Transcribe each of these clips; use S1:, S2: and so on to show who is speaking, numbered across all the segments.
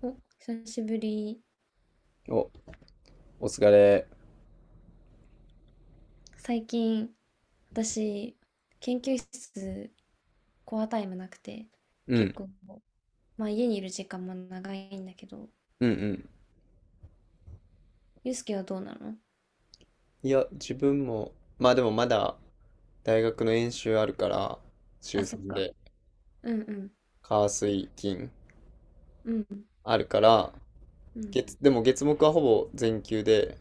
S1: お、久しぶり。
S2: お、お疲れ。
S1: 最近、私、研究室、コアタイムなくて、
S2: う
S1: 結
S2: ん、
S1: 構、まあ家にいる時間も長いんだけど、
S2: うんうん。
S1: ゆうすけはどうなの？
S2: いや、自分も、まあでもまだ大学の演習あるから、週
S1: あ、そっ
S2: 3
S1: か。
S2: で、
S1: うんうん、
S2: 火水金
S1: うん、
S2: あるから、
S1: うん、
S2: 月、でも月木はほぼ全休で、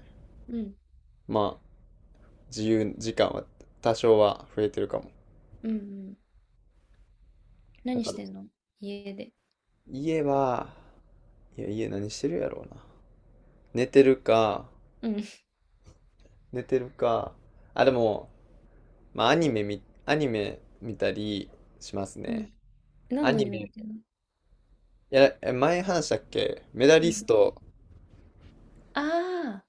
S1: うん、
S2: まあ自由時間は多少は増えてるかも。
S1: うん、うん。
S2: だ
S1: 何
S2: か
S1: し
S2: ら、
S1: てんの、家で。
S2: 家は、いや、家何してるやろうな。寝てるか、
S1: うん、
S2: 寝てるか、あ、でも、まあアニメ見たりします
S1: う
S2: ね。
S1: ん。
S2: ア
S1: 何のア
S2: ニ
S1: ニメ見
S2: メ、
S1: てんの？
S2: いや、前話したっけ、メダ
S1: う
S2: リ
S1: ん。
S2: スト、
S1: ああ、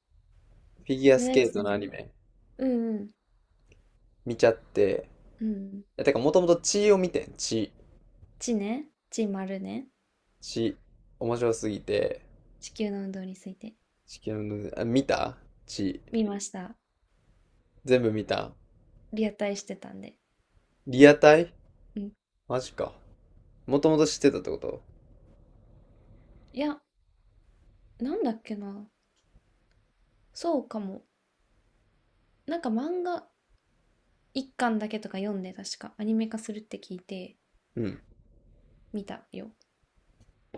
S2: フィギュア
S1: メ
S2: ス
S1: ダ
S2: ケ
S1: リ
S2: ー
S1: ス
S2: ト
S1: ト
S2: のア
S1: ね。
S2: ニメ、
S1: うんうん、
S2: 見ちゃって、
S1: う
S2: い
S1: ん。
S2: や、てか、もともと血を見てん、血、
S1: 地ね。地丸ね。
S2: 血、面白すぎて、
S1: 地球の運動について。
S2: 地球の、あ、見た血、
S1: 見ました。
S2: 全部見た。
S1: リアタイしてたんで。
S2: リアタイ
S1: うん。
S2: マジか。もともと知ってたってこと？
S1: いや、なんだっけな。そうかも。なんか漫画一巻だけとか読んで、確かアニメ化するって聞いて
S2: うん、
S1: 見たよ。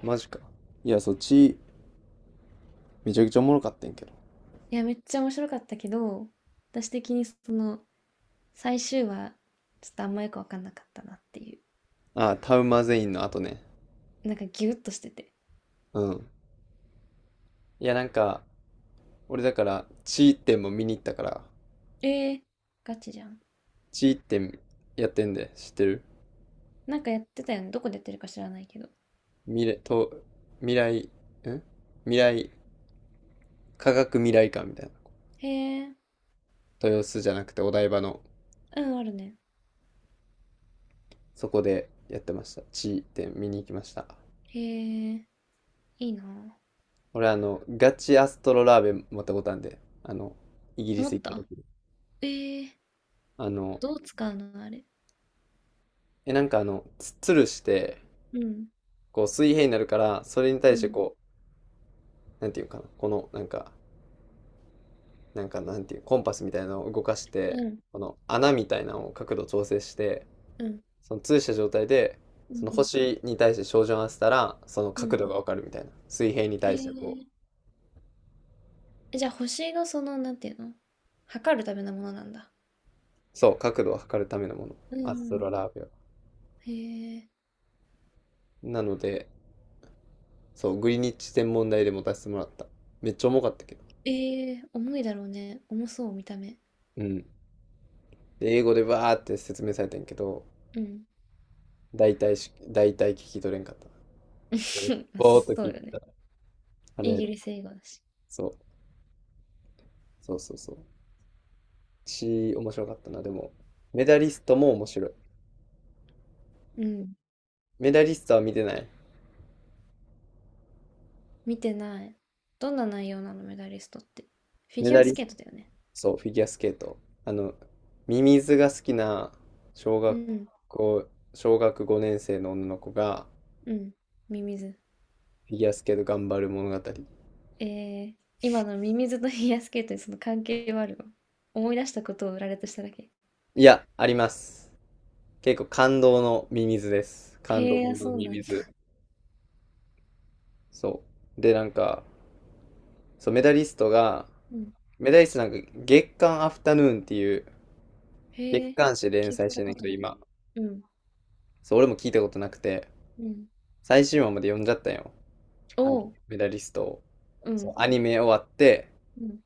S2: マジか。いや、そう、血、めちゃくちゃおもろかったんやけど。
S1: いや、めっちゃ面白かったけど、私的にその最終話、ちょっとあんまよく分かんなかったなってい
S2: ああ、タウマゼインの後ね。
S1: う。なんかギュッとしてて。
S2: うん。いや、なんか、俺だから、血っても見に行ったから、
S1: えー、ガチじゃん。
S2: 血ってやってんで、知ってる？
S1: なんかやってたよね。どこでやってるか知らないけど。
S2: 未来、と、未来、ん未来、科学未来館みたいな。
S1: へえ、
S2: 豊洲じゃなくてお台場の、
S1: うん、あるね。
S2: そこでやってました。地点見に行きました。
S1: へえ、いいな。
S2: 俺あの、ガチアストロラーベン持ったことあるんで、あの、イギリ
S1: 思
S2: ス
S1: っ
S2: 行った
S1: た、
S2: 時に。
S1: えー、
S2: あの、
S1: どう使うの、あれ。
S2: え、なんかあの、つるして、
S1: うん、
S2: こう水平になるから、それに
S1: う
S2: 対して
S1: ん、
S2: こう、なんていうかな、この、なんか、なんかなんていう、コンパスみたいなのを動かして、
S1: うん、
S2: この穴みたいなのを角度調整して、
S1: うん、
S2: その通した状態で、
S1: う
S2: その
S1: ん、
S2: 星に対して照準を合わせたら、その
S1: う
S2: 角
S1: ん。
S2: 度がわかるみたいな。水平に
S1: へ
S2: 対してこう、
S1: ええ、じゃあ、星がその、なんていうの、測るためのものなんだ。
S2: そう、角度を測るためのもの。
S1: う
S2: アストロ
S1: ん。
S2: ラービア。
S1: へえ。
S2: なので、そう、グリニッジ天文台で持たせてもらった。めっちゃ重かったけど。
S1: ええ、重いだろうね。重そう、見た目。
S2: うん。で、英語でバーって説明されてんけど、
S1: うん。
S2: 大体聞き取れんかった。
S1: まあ、
S2: ぼーっと
S1: そ
S2: 聞
S1: う
S2: いて
S1: よ
S2: た。
S1: ね。
S2: あ
S1: イ
S2: れ、
S1: ギリス英語だし。
S2: そう、そうそうそう。し面白かったな。でも、メダリストも面白い。
S1: うん。
S2: メダリストは見てない。
S1: 見てない。どんな内容なの、メダリストって。フィ
S2: メ
S1: ギュ
S2: ダ
S1: ア
S2: リ
S1: スケートだよね。
S2: そう、フィギュアスケート。あの、ミミズが好きな小
S1: う
S2: 学
S1: ん。
S2: 校、小学5年生の女の子が
S1: うん。ミミズ。
S2: フィギュアスケート頑張る物語。
S1: ええ、今のミミズとフィギュアスケートにその関係はあるの？思い出したことを羅列しただけ。
S2: いや、あります。結構感動のミミズです。感動
S1: へえ、あ、
S2: の
S1: そう
S2: ミ
S1: なん
S2: ミ
S1: だ。
S2: ズ。そう。で、なんか、そう、メダリストが、
S1: うん。
S2: メダリストなんか月刊アフタヌーンっていう月
S1: へえ、
S2: 刊誌連
S1: 聞い
S2: 載し
S1: た
S2: てんねん
S1: こ
S2: け
S1: と
S2: ど、
S1: ない。
S2: 今。
S1: うん。
S2: そう、俺も聞いたことなくて、
S1: うん。
S2: 最新話まで読んじゃったんよ。
S1: お
S2: あの
S1: お、
S2: メダリストを。
S1: う
S2: そう、
S1: ん、
S2: アニメ終わって、
S1: うん。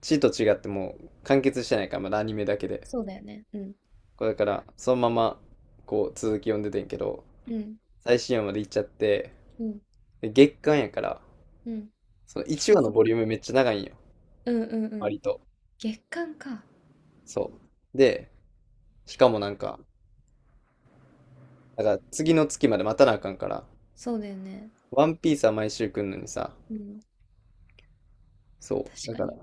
S2: C と違ってもう完結してないから、まだアニメだけで。
S1: そうだよね。うん、
S2: これだから、そのまま、こう、続き読んでてんけど、
S1: うん、
S2: 最新話まで行っちゃって、
S1: うん、
S2: で月間やから、
S1: うん。
S2: その1話 の
S1: そっ
S2: ボリ
S1: か。
S2: ュームめっちゃ長いんよ。
S1: うんうんうん。
S2: 割と。
S1: 月間か。
S2: そう。で、しかもなんか、だから次の月まで待たなあかんから、
S1: そうだよね。
S2: ワンピースは毎週来んのにさ、
S1: うん。
S2: そう。
S1: 確
S2: だ
S1: か
S2: から、
S1: に。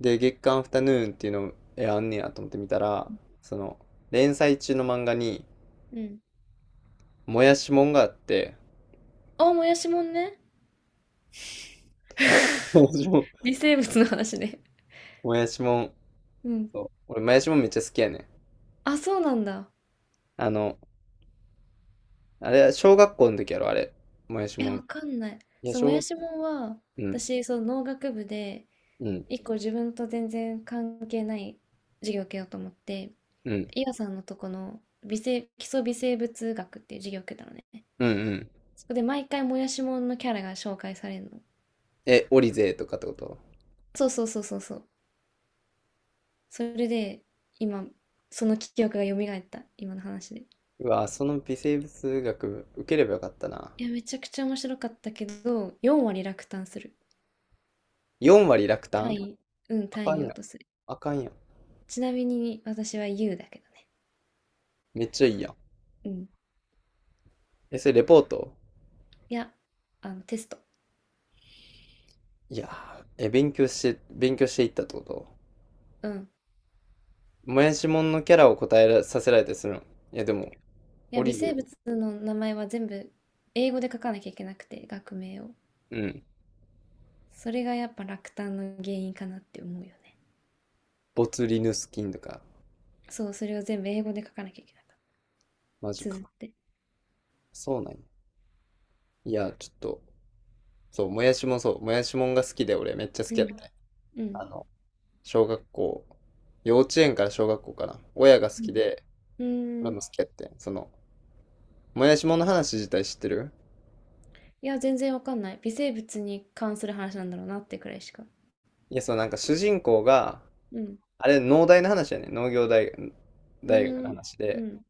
S2: で、月刊アフタヌーンっていうの、え、あんねやと思って見たら、その、連載中の漫画に、
S1: うん。
S2: もやしもんがあって、
S1: あ、もやしもんね。微生物の話ね。
S2: もやしもん、
S1: うん。
S2: そう。俺、もやしもんめっちゃ好きやねん。
S1: あ、そうなんだ。
S2: あの、あれ、小学校の時やろ、あれ。もやし
S1: え、
S2: もん。
S1: わ
S2: い
S1: かんない。
S2: や、
S1: そう、も
S2: 小
S1: や
S2: 学、
S1: しもんは、
S2: うん、
S1: 私、その農学部で、
S2: うん、
S1: 一個自分と全然関係ない授業を受けようと思って、
S2: うん、
S1: 伊和さんのとこの微生、基礎微生物学っていう授業を受けたのね。
S2: うん、うん。
S1: そこで毎回もやしもんのキャラが紹介されるの。
S2: え、オリゼーとかってこと？
S1: そうそうそうそうそう。それで、今、その記憶が蘇った、今の話で。
S2: うわ、その微生物学受ければよかったな。
S1: いや、めちゃくちゃ面白かったけど、4割落胆する。
S2: 4割落胆？
S1: 単位、うん、
S2: あか
S1: 単
S2: ん
S1: 位落
S2: やん。
S1: とする。
S2: あかんやん。
S1: ちなみに私は U だけどね。
S2: めっちゃいいやん。
S1: うん。
S2: え、それレポート？
S1: いや、あの、テスト。
S2: いやー、え、勉強していったってこと？
S1: うん。
S2: もやしもんのキャラを答えらさせられたりするの？いや、でも、
S1: い
S2: オ
S1: や、微
S2: リゼ
S1: 生
S2: ー、
S1: 物の名前は全部英語で書かなきゃいけなくて、学名を。
S2: うん。
S1: それがやっぱ落胆の原因かなって思うよね。
S2: ボツリヌス菌とか、
S1: そう、それを全部英語で書かなきゃいけなかった。
S2: マジ
S1: 綴
S2: か。
S1: って。
S2: そうなんや。いや、ちょっと、そう、もやしもんが好きで、俺めっちゃ好
S1: う
S2: きやっ
S1: ん。
S2: たね。
S1: うん。
S2: あの、小学校、幼稚園から小学校かな。親が好
S1: うん。
S2: きで、
S1: うー
S2: 俺も
S1: ん。
S2: 好きやってん。その、もやしもんの話自体知ってる？
S1: いや、全然わかんない。微生物に関する話なんだろうなってくらいしか。
S2: いや、そう、なんか主人公が、
S1: うん。
S2: あれ、農大の話やね。農業大学、
S1: う
S2: 大学
S1: ー
S2: の
S1: ん。
S2: 話
S1: う
S2: で。
S1: ん。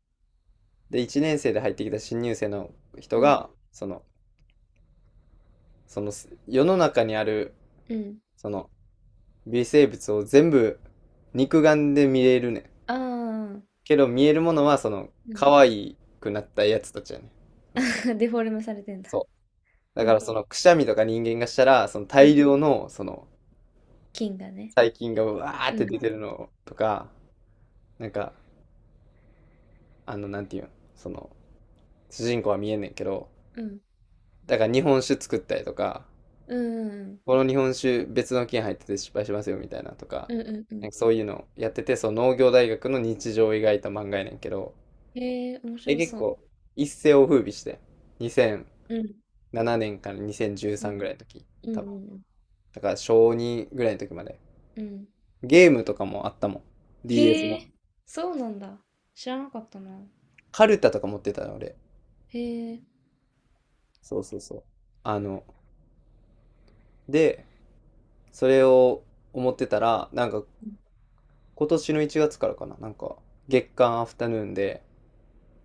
S2: で、1年生で入ってきた新入生の人
S1: うん。
S2: が、その、世の中にある、
S1: うん。
S2: その、微生物を全部、肉眼で見れるねん。
S1: ああ。
S2: けど見えるものはその
S1: うん。
S2: 可愛くなったやつたちやね。その
S1: デフォルメされてんだ。
S2: そう。だ
S1: う
S2: から
S1: ん。
S2: そのくしゃみとか人間がしたら、その
S1: う
S2: 大
S1: ん。
S2: 量のその
S1: 菌がね。
S2: 細菌がうわーっ
S1: う
S2: て
S1: ん。
S2: 出てるのとか、なんか、あの、なんていうん、その、主人公は見えんねんけど、
S1: うん。
S2: だから日本酒作ったりとか、
S1: うんうんうん。
S2: この日本酒別の菌入ってて失敗しますよみたいなとか、
S1: うんうんう
S2: な
S1: ん。
S2: んかそういうのやってて、その農業大学の日常を描いた漫画やねんけど、
S1: へえ、面
S2: え、
S1: 白
S2: 結
S1: そう。
S2: 構一世を風靡して、2000
S1: うん。
S2: 7年から
S1: うん。
S2: 2013ぐらいの時、
S1: うん
S2: 多分。
S1: うん
S2: だから小2ぐらいの時まで。
S1: うん。うん。
S2: ゲームとかもあったもん。DS
S1: へ
S2: の。
S1: え、そうなんだ。知らなかったな。
S2: カルタとか持ってたの、俺。
S1: へえ。
S2: そうそうそう。あの、で、それを思ってたら、なんか
S1: うん、
S2: 今年の1月からかな、なんか月間アフタヌーンで、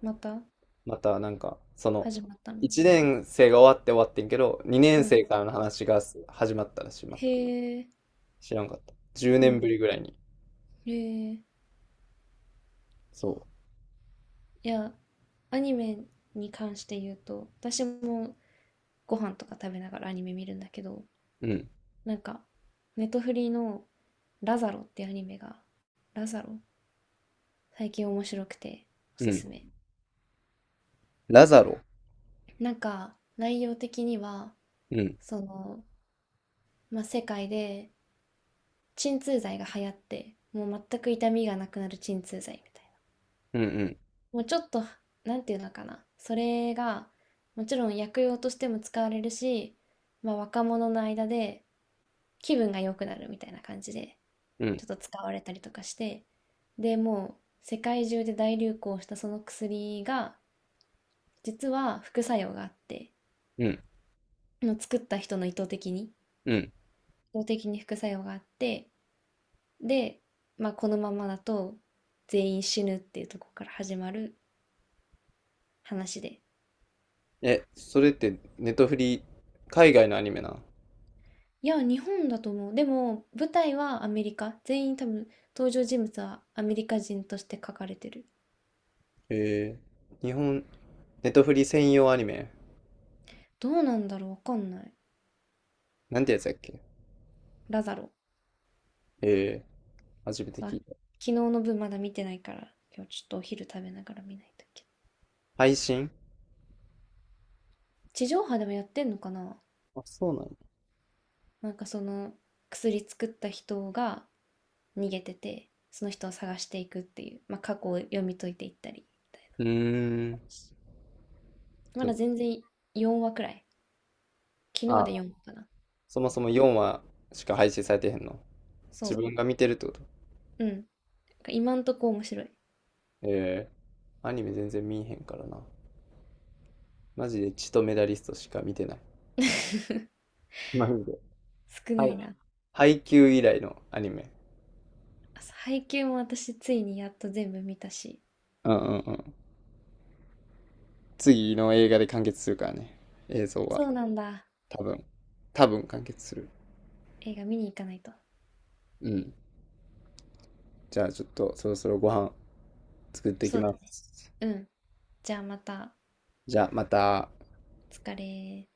S1: また
S2: またなんか、その、
S1: 始まったの。
S2: 1年生が終わって終わってんけど、2
S1: う
S2: 年
S1: ん。
S2: 生からの話が始まったらしい、ま
S1: へ
S2: た。
S1: え。
S2: 知らんかった。10
S1: う
S2: 年ぶり
S1: ん。
S2: ぐらいに。
S1: へえ。
S2: そ
S1: いや、アニメに関して言うと私もご飯とか食べながらアニメ見るんだけど、
S2: う。うん。
S1: なんかネットフリーの「ラザロ」っていうアニメが、ラザロ、最近面白くてお
S2: う
S1: す
S2: ん。
S1: すめ。
S2: ラザロ。
S1: なんか内容的には、
S2: うん。
S1: その、まあ、世界で鎮痛剤が流行って、もう全く痛みがなくなる鎮痛剤みたいな、
S2: うんうん。
S1: もうちょっと、なんていうのかな、それがもちろん薬用としても使われるし、まあ、若者の間で気分が良くなるみたいな感じで
S2: うん
S1: ちょっと使われたりとかして、でもう世界中で大流行したその薬が実は副作用があって、
S2: うん。
S1: もう作った人の意図的に、
S2: うん。
S1: 意図的に副作用があって、で、まあ、このままだと全員死ぬっていうところから始まる話で。
S2: え、それってネトフリ、海外のアニメな。
S1: いや、日本だと思う。でも舞台はアメリカ、全員多分登場人物はアメリカ人として書かれてる。
S2: えー、日本、ネトフリ専用アニメ。
S1: どうなんだろう、わかんない。
S2: なんてやつやっけ？
S1: ラザロ。
S2: えー、初めて
S1: そう、
S2: 聞い
S1: 昨
S2: た。
S1: 日の分まだ見てないから、今日ちょっとお昼食べながら見ないといけない。
S2: 配信？
S1: 地上波でもやってんのかな。
S2: あ、そうなの？
S1: なんかその薬作った人が逃げてて、その人を探していくっていう、まあ、過去を読み解いていったりみたい
S2: うー
S1: な
S2: ん。
S1: 話。
S2: ち
S1: ま
S2: ょ
S1: だ全然4話くらい。昨日で
S2: あ、
S1: 4話かな。
S2: そもそも4話しか配信されてへんの？自
S1: そ
S2: 分が見てるってこと？
S1: う。うん。なんか今んとこ面白い。
S2: えー、アニメ全然見えへんからな。マジで血とメダリストしか見てない。マジで。
S1: 少な
S2: は
S1: い
S2: い。
S1: な。
S2: 配給以来のアニメ。
S1: あ、そう、配給も私ついにやっと全部見たし。
S2: うんうんうん。次の映画で完結するからね。映像は。
S1: そうなんだ。
S2: 多分。多分完結する。
S1: 映画見に行かないと。
S2: うん。じゃあちょっとそろそろご飯作ってき
S1: そうだ
S2: ま
S1: ね。
S2: す。
S1: うん。じゃあまた。
S2: じゃあまた。
S1: 疲れ。